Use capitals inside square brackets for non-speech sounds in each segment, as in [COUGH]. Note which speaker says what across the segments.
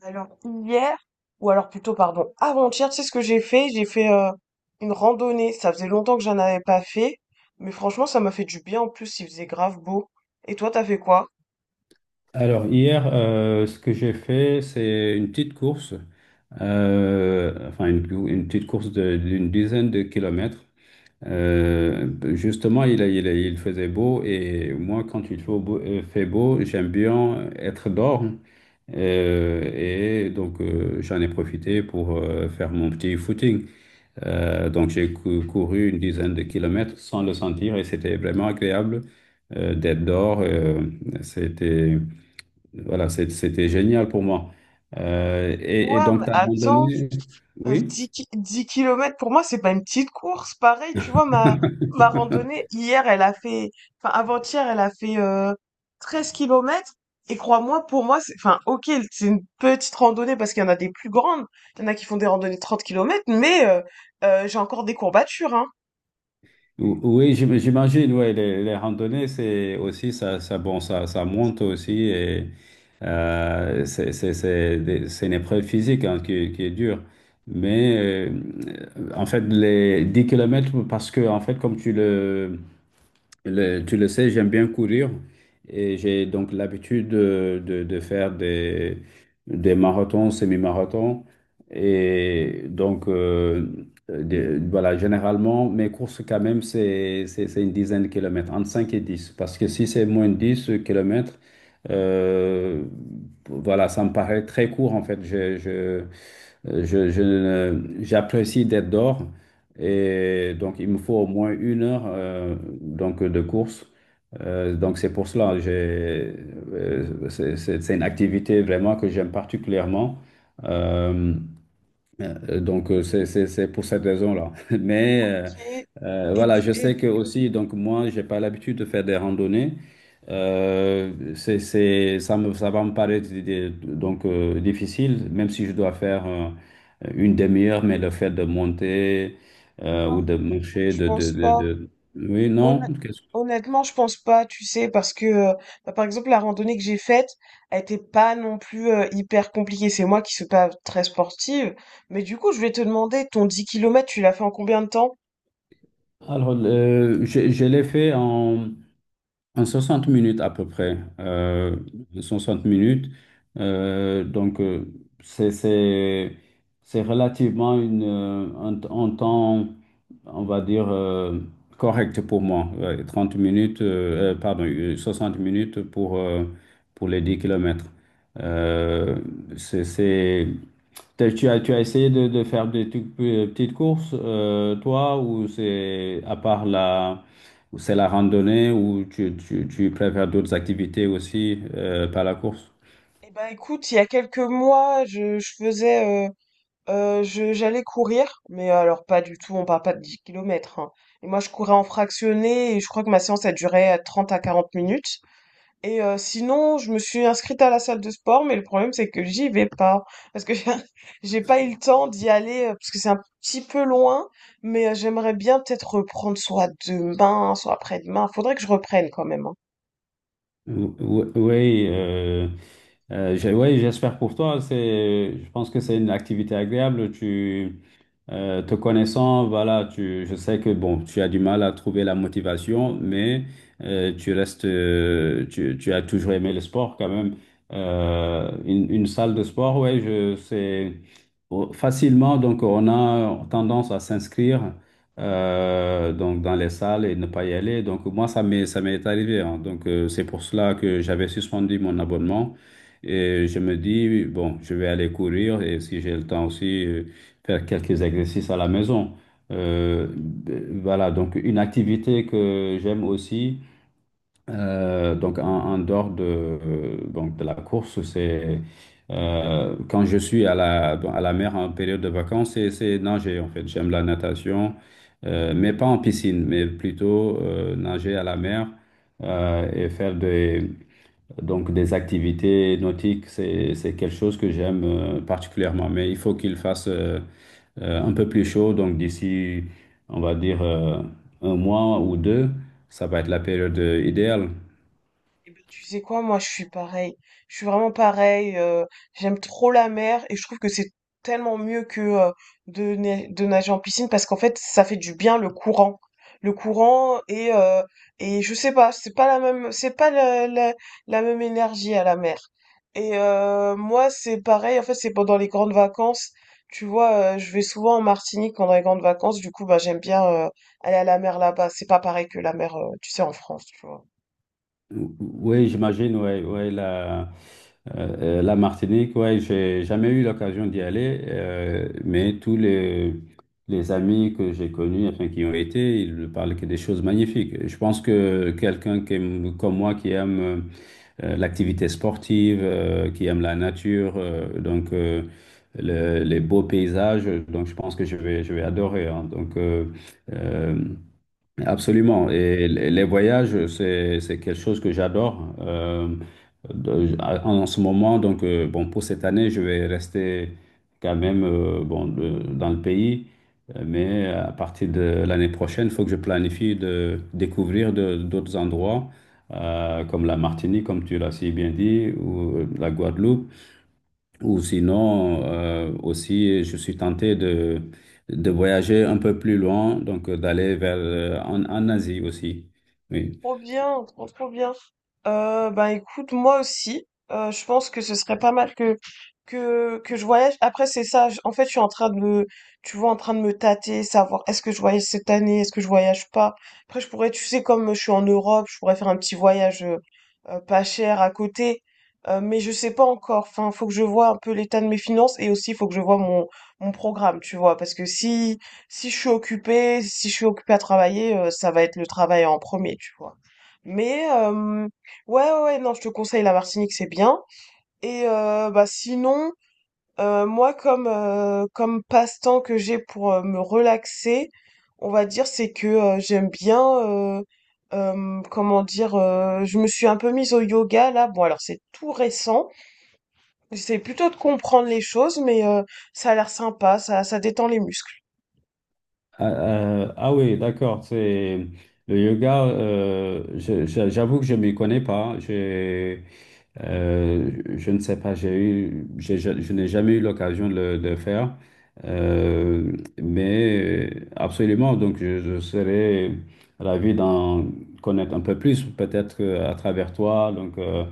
Speaker 1: Alors hier, ou alors plutôt pardon, avant-hier, tu sais ce que j'ai fait? J'ai fait une randonnée. Ça faisait longtemps que j'en avais pas fait, mais franchement, ça m'a fait du bien. En plus, il faisait grave beau. Et toi, t'as fait quoi?
Speaker 2: Alors, hier, ce que j'ai fait, c'est une petite course, enfin une petite course d'une dizaine de kilomètres. Euh, Justement, il faisait beau et moi, quand il fait beau, j'aime bien être dehors. Et donc, j'en ai profité pour faire mon petit footing. Donc, j'ai couru une dizaine de kilomètres sans le sentir et c'était vraiment agréable d'être dehors. C'était. Voilà, c'était génial pour moi. Et
Speaker 1: Quoi?
Speaker 2: donc,
Speaker 1: Mais
Speaker 2: tu as
Speaker 1: attends.
Speaker 2: randonné? Oui?
Speaker 1: 10 ki 10 kilomètres pour moi, c'est pas une petite course. Pareil, tu vois, ma randonnée
Speaker 2: [LAUGHS]
Speaker 1: hier, elle a fait enfin avant-hier, elle a fait, 13 kilomètres et crois-moi, pour moi, c'est enfin OK, c'est une petite randonnée parce qu'il y en a des plus grandes. Il y en a qui font des randonnées de 30 kilomètres mais j'ai encore des courbatures, hein.
Speaker 2: Oui, j'imagine, ouais, les randonnées, c'est aussi, bon, ça monte aussi et c'est une épreuve physique, hein, qui est dure. Mais euh, en fait, les 10 kilomètres parce que, en fait, comme tu le- tu le sais, j'aime bien courir et j'ai donc l'habitude de faire des marathons, semi-marathons. Et donc, voilà, généralement, mes courses quand même, c'est une dizaine de kilomètres, entre 5 et dix. Parce que si c'est moins de 10 kilomètres, euh, voilà, ça me paraît très court en fait. Je ne- J'apprécie d'être dehors et donc il me faut au moins 1 heure donc de course. Donc c'est pour cela, c'est une activité vraiment que j'aime particulièrement. Euh, Donc, c'est pour cette raison-là. [LAUGHS] Mais
Speaker 1: Et et
Speaker 2: voilà,
Speaker 1: du
Speaker 2: je
Speaker 1: et
Speaker 2: sais que aussi, donc moi, j'ai pas l'habitude de faire des randonnées. Ça va me paraître donc difficile, même si je dois faire une demi-heure, mais le fait de monter ou de marcher,
Speaker 1: je pense pas.
Speaker 2: Oui, non.
Speaker 1: Honn-
Speaker 2: qu'est-ce
Speaker 1: Honnêtement, je pense pas, tu sais, parce que bah, par exemple la randonnée que j'ai faite, elle était pas non plus hyper compliquée. C'est moi qui suis pas très sportive, mais du coup, je vais te demander, ton 10 kilomètres, tu l'as fait en combien de temps?
Speaker 2: Alors, je l'ai fait en 60 minutes à peu près. 60 minutes. Donc, c'est, c'est, c'est relativement un temps, on va dire, correct pour moi. Ouais, 30 minutes, pardon, 60 minutes pour les 10 kilomètres. Euh, c'est, c'est- Tu as essayé de faire petites courses, toi, ou c'est la randonnée, ou tu préfères d'autres activités aussi, par la course?
Speaker 1: Eh ben écoute, il y a quelques mois, je faisais, j'allais courir, mais alors pas du tout, on parle pas de 10 km. Et moi, je courais en fractionné et je crois que ma séance a duré 30 à 40 minutes. Et sinon, je me suis inscrite à la salle de sport, mais le problème c'est que j'y vais pas parce que [LAUGHS] j'ai pas eu le temps d'y aller parce que c'est un petit peu loin, mais j'aimerais bien peut-être reprendre soit demain, soit après-demain. Faudrait que je reprenne quand même, hein.
Speaker 2: Oui, ouais, j'espère pour toi. Je pense que c'est une activité agréable. Te connaissant, voilà, je sais que bon, tu as du mal à trouver la motivation, mais tu as toujours aimé le sport quand même. Une salle de sport, ouais, c'est oh, facilement. Donc, on a tendance à s'inscrire donc dans les salles et ne pas y aller. Donc moi, ça m'est arrivé, hein. Donc c'est pour cela que j'avais suspendu mon abonnement et je me dis, bon, je vais aller courir et si j'ai le temps aussi, faire quelques exercices à la maison. Ben, voilà, donc une activité que j'aime aussi. Donc, en dehors de, donc de la course, c'est quand je suis à la mer en période de vacances, c'est nager en fait. J'aime la natation, mais pas en piscine, mais plutôt nager à la mer, et faire donc des activités nautiques. C'est quelque chose que j'aime particulièrement, mais il faut qu'il fasse un peu plus chaud. Donc, d'ici, on va dire un mois ou deux, ça va être la période idéale.
Speaker 1: Eh ben, tu sais quoi, moi je suis pareil. Je suis vraiment pareil. J'aime trop la mer et je trouve que c'est tellement mieux que de nager en piscine parce qu'en fait ça fait du bien le courant. Le courant et je sais pas, c'est pas la même, c'est pas la, la, la même énergie à la mer. Et moi c'est pareil, en fait c'est pendant les grandes vacances. Tu vois, je vais souvent en Martinique pendant les grandes vacances, du coup bah j'aime bien aller à la mer là-bas. C'est pas pareil que la mer, tu sais, en France, tu vois.
Speaker 2: Oui, j'imagine, ouais, ouais, la Martinique, ouais, j'ai jamais eu l'occasion d'y aller, mais tous les amis que j'ai connus, enfin, qui ont été, ils ne parlent que des choses magnifiques. Je pense que quelqu'un comme moi, qui aime l'activité sportive, qui aime la nature, les beaux paysages, donc je pense que je vais adorer, hein. Euh, Absolument. Et les voyages, c'est quelque chose que j'adore. En ce moment, donc, bon, pour cette année, je vais rester quand même bon, dans le pays. Mais à partir de l'année prochaine, il faut que je planifie de découvrir d'autres endroits, comme la Martinique, comme tu l'as si bien dit, ou la Guadeloupe. Ou sinon, aussi, je suis tenté de voyager un peu plus loin, donc d'aller vers en Asie aussi. Oui.
Speaker 1: Trop bien, trop trop bien. Bah écoute, moi aussi, je pense que ce serait pas mal que je voyage. Après, c'est ça. En fait, je suis en train de me, tu vois, en train de me tâter, savoir est-ce que je voyage cette année, est-ce que je voyage pas. Après, je pourrais, tu sais, comme je suis en Europe, je pourrais faire un petit voyage pas cher à côté. Mais je sais pas encore. Enfin, faut que je vois un peu l'état de mes finances et aussi faut que je vois mon programme, tu vois, parce que si je suis occupée, si je suis occupée à travailler, ça va être le travail en premier, tu vois. Mais ouais, ouais, ouais, non, je te conseille la Martinique, c'est bien. Et bah sinon, moi comme comme passe-temps que j'ai pour me relaxer, on va dire c'est que j'aime bien euh, comment dire, je me suis un peu mise au yoga là. Bon alors c'est tout récent. J'essaie plutôt de comprendre les choses, mais ça a l'air sympa, ça détend les muscles.
Speaker 2: Ah, ah oui, d'accord. C'est le yoga. J'avoue que je m'y connais pas, hein. Euh, je ne sais pas. J'ai eu, j'ai- Je n'ai jamais eu l'occasion de le de faire. Euh, mais absolument. Donc, je serais ravi d'en connaître un peu plus, peut-être que à travers toi. Donc, euh,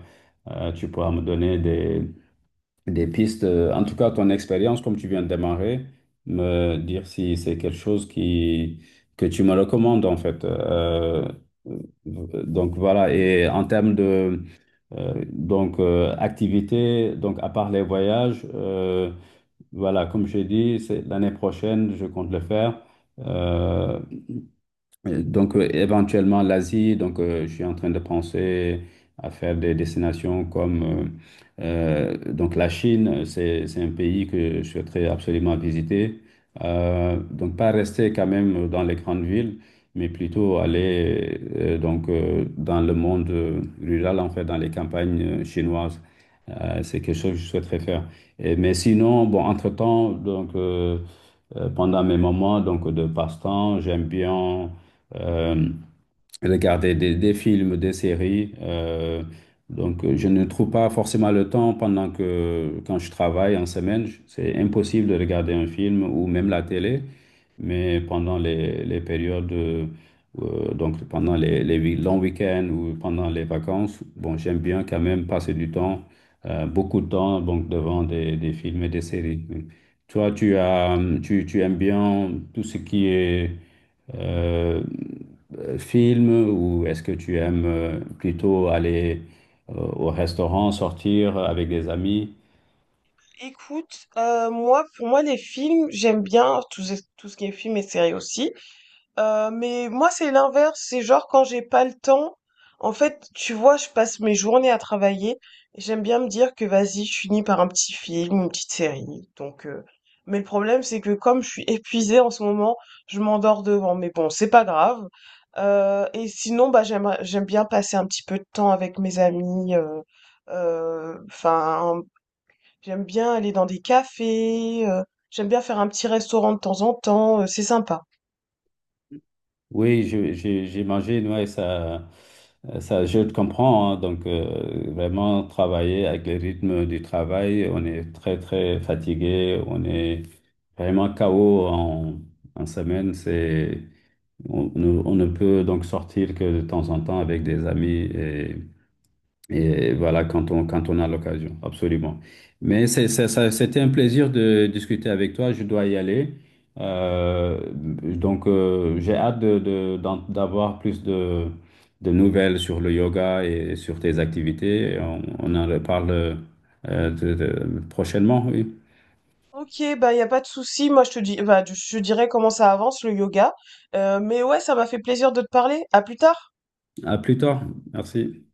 Speaker 2: euh, tu pourras me donner des pistes. En tout cas, ton expérience, comme tu viens de démarrer, me dire si c'est quelque chose que tu me recommandes, en fait. Donc, voilà. Et en termes de donc, activité, donc, à part les voyages, voilà, comme j'ai dit, c'est l'année prochaine, je compte le faire. Euh, Donc, éventuellement l'Asie. Donc, je suis en train de penser à faire des destinations comme donc la Chine. C'est un pays que je souhaiterais absolument visiter. Donc, pas rester quand même dans les grandes villes, mais plutôt aller donc dans le monde rural, en fait, dans les campagnes chinoises. C'est quelque chose que je souhaiterais faire. Mais sinon, bon, entre-temps, donc pendant mes moments donc de passe-temps, j'aime bien euh, regarder des films, des séries. Donc, je ne trouve pas forcément le temps quand je travaille en semaine, c'est impossible de regarder un film ou même la télé. Mais pendant les périodes, donc pendant longs week-ends ou pendant les vacances, bon, j'aime bien quand même passer du temps, beaucoup de temps, donc devant des films et des séries. Oui. Toi, tu aimes bien tout ce qui est euh, film ou est-ce que tu aimes plutôt aller au restaurant, sortir avec des amis?
Speaker 1: Écoute, moi, pour moi, les films, j'aime bien tout, tout ce qui est film et série aussi. Mais moi, c'est l'inverse, c'est genre quand j'ai pas le temps, en fait, tu vois, je passe mes journées à travailler et j'aime bien me dire que vas-y, je finis par un petit film, une petite série, mais le problème, c'est que comme je suis [LAUGHS] épuisée en ce moment, je m'endors devant, mais bon, c'est pas grave. Et sinon, bah, j'aime bien passer un petit peu de temps avec mes amis, enfin, j'aime bien aller dans des cafés, j'aime bien faire un petit restaurant de temps en temps, c'est sympa.
Speaker 2: Oui, j'imagine, ouais, je te comprends, hein. Donc, vraiment, travailler avec les rythmes du travail, on est très, très fatigué, on est vraiment KO en semaine. C'est, on, ne On ne peut donc sortir que de temps en temps avec des amis et Et voilà, quand on a l'occasion, absolument. Mais c'était un plaisir de discuter avec toi. Je dois y aller. Donc, j'ai hâte d'avoir plus de nouvelles sur le yoga et sur tes activités. Et on en reparle prochainement, oui.
Speaker 1: Ok, bah y a pas de souci. Moi, je te dis, bah, je dirai comment ça avance le yoga. Mais ouais, ça m'a fait plaisir de te parler. À plus tard.
Speaker 2: À plus tard. Merci.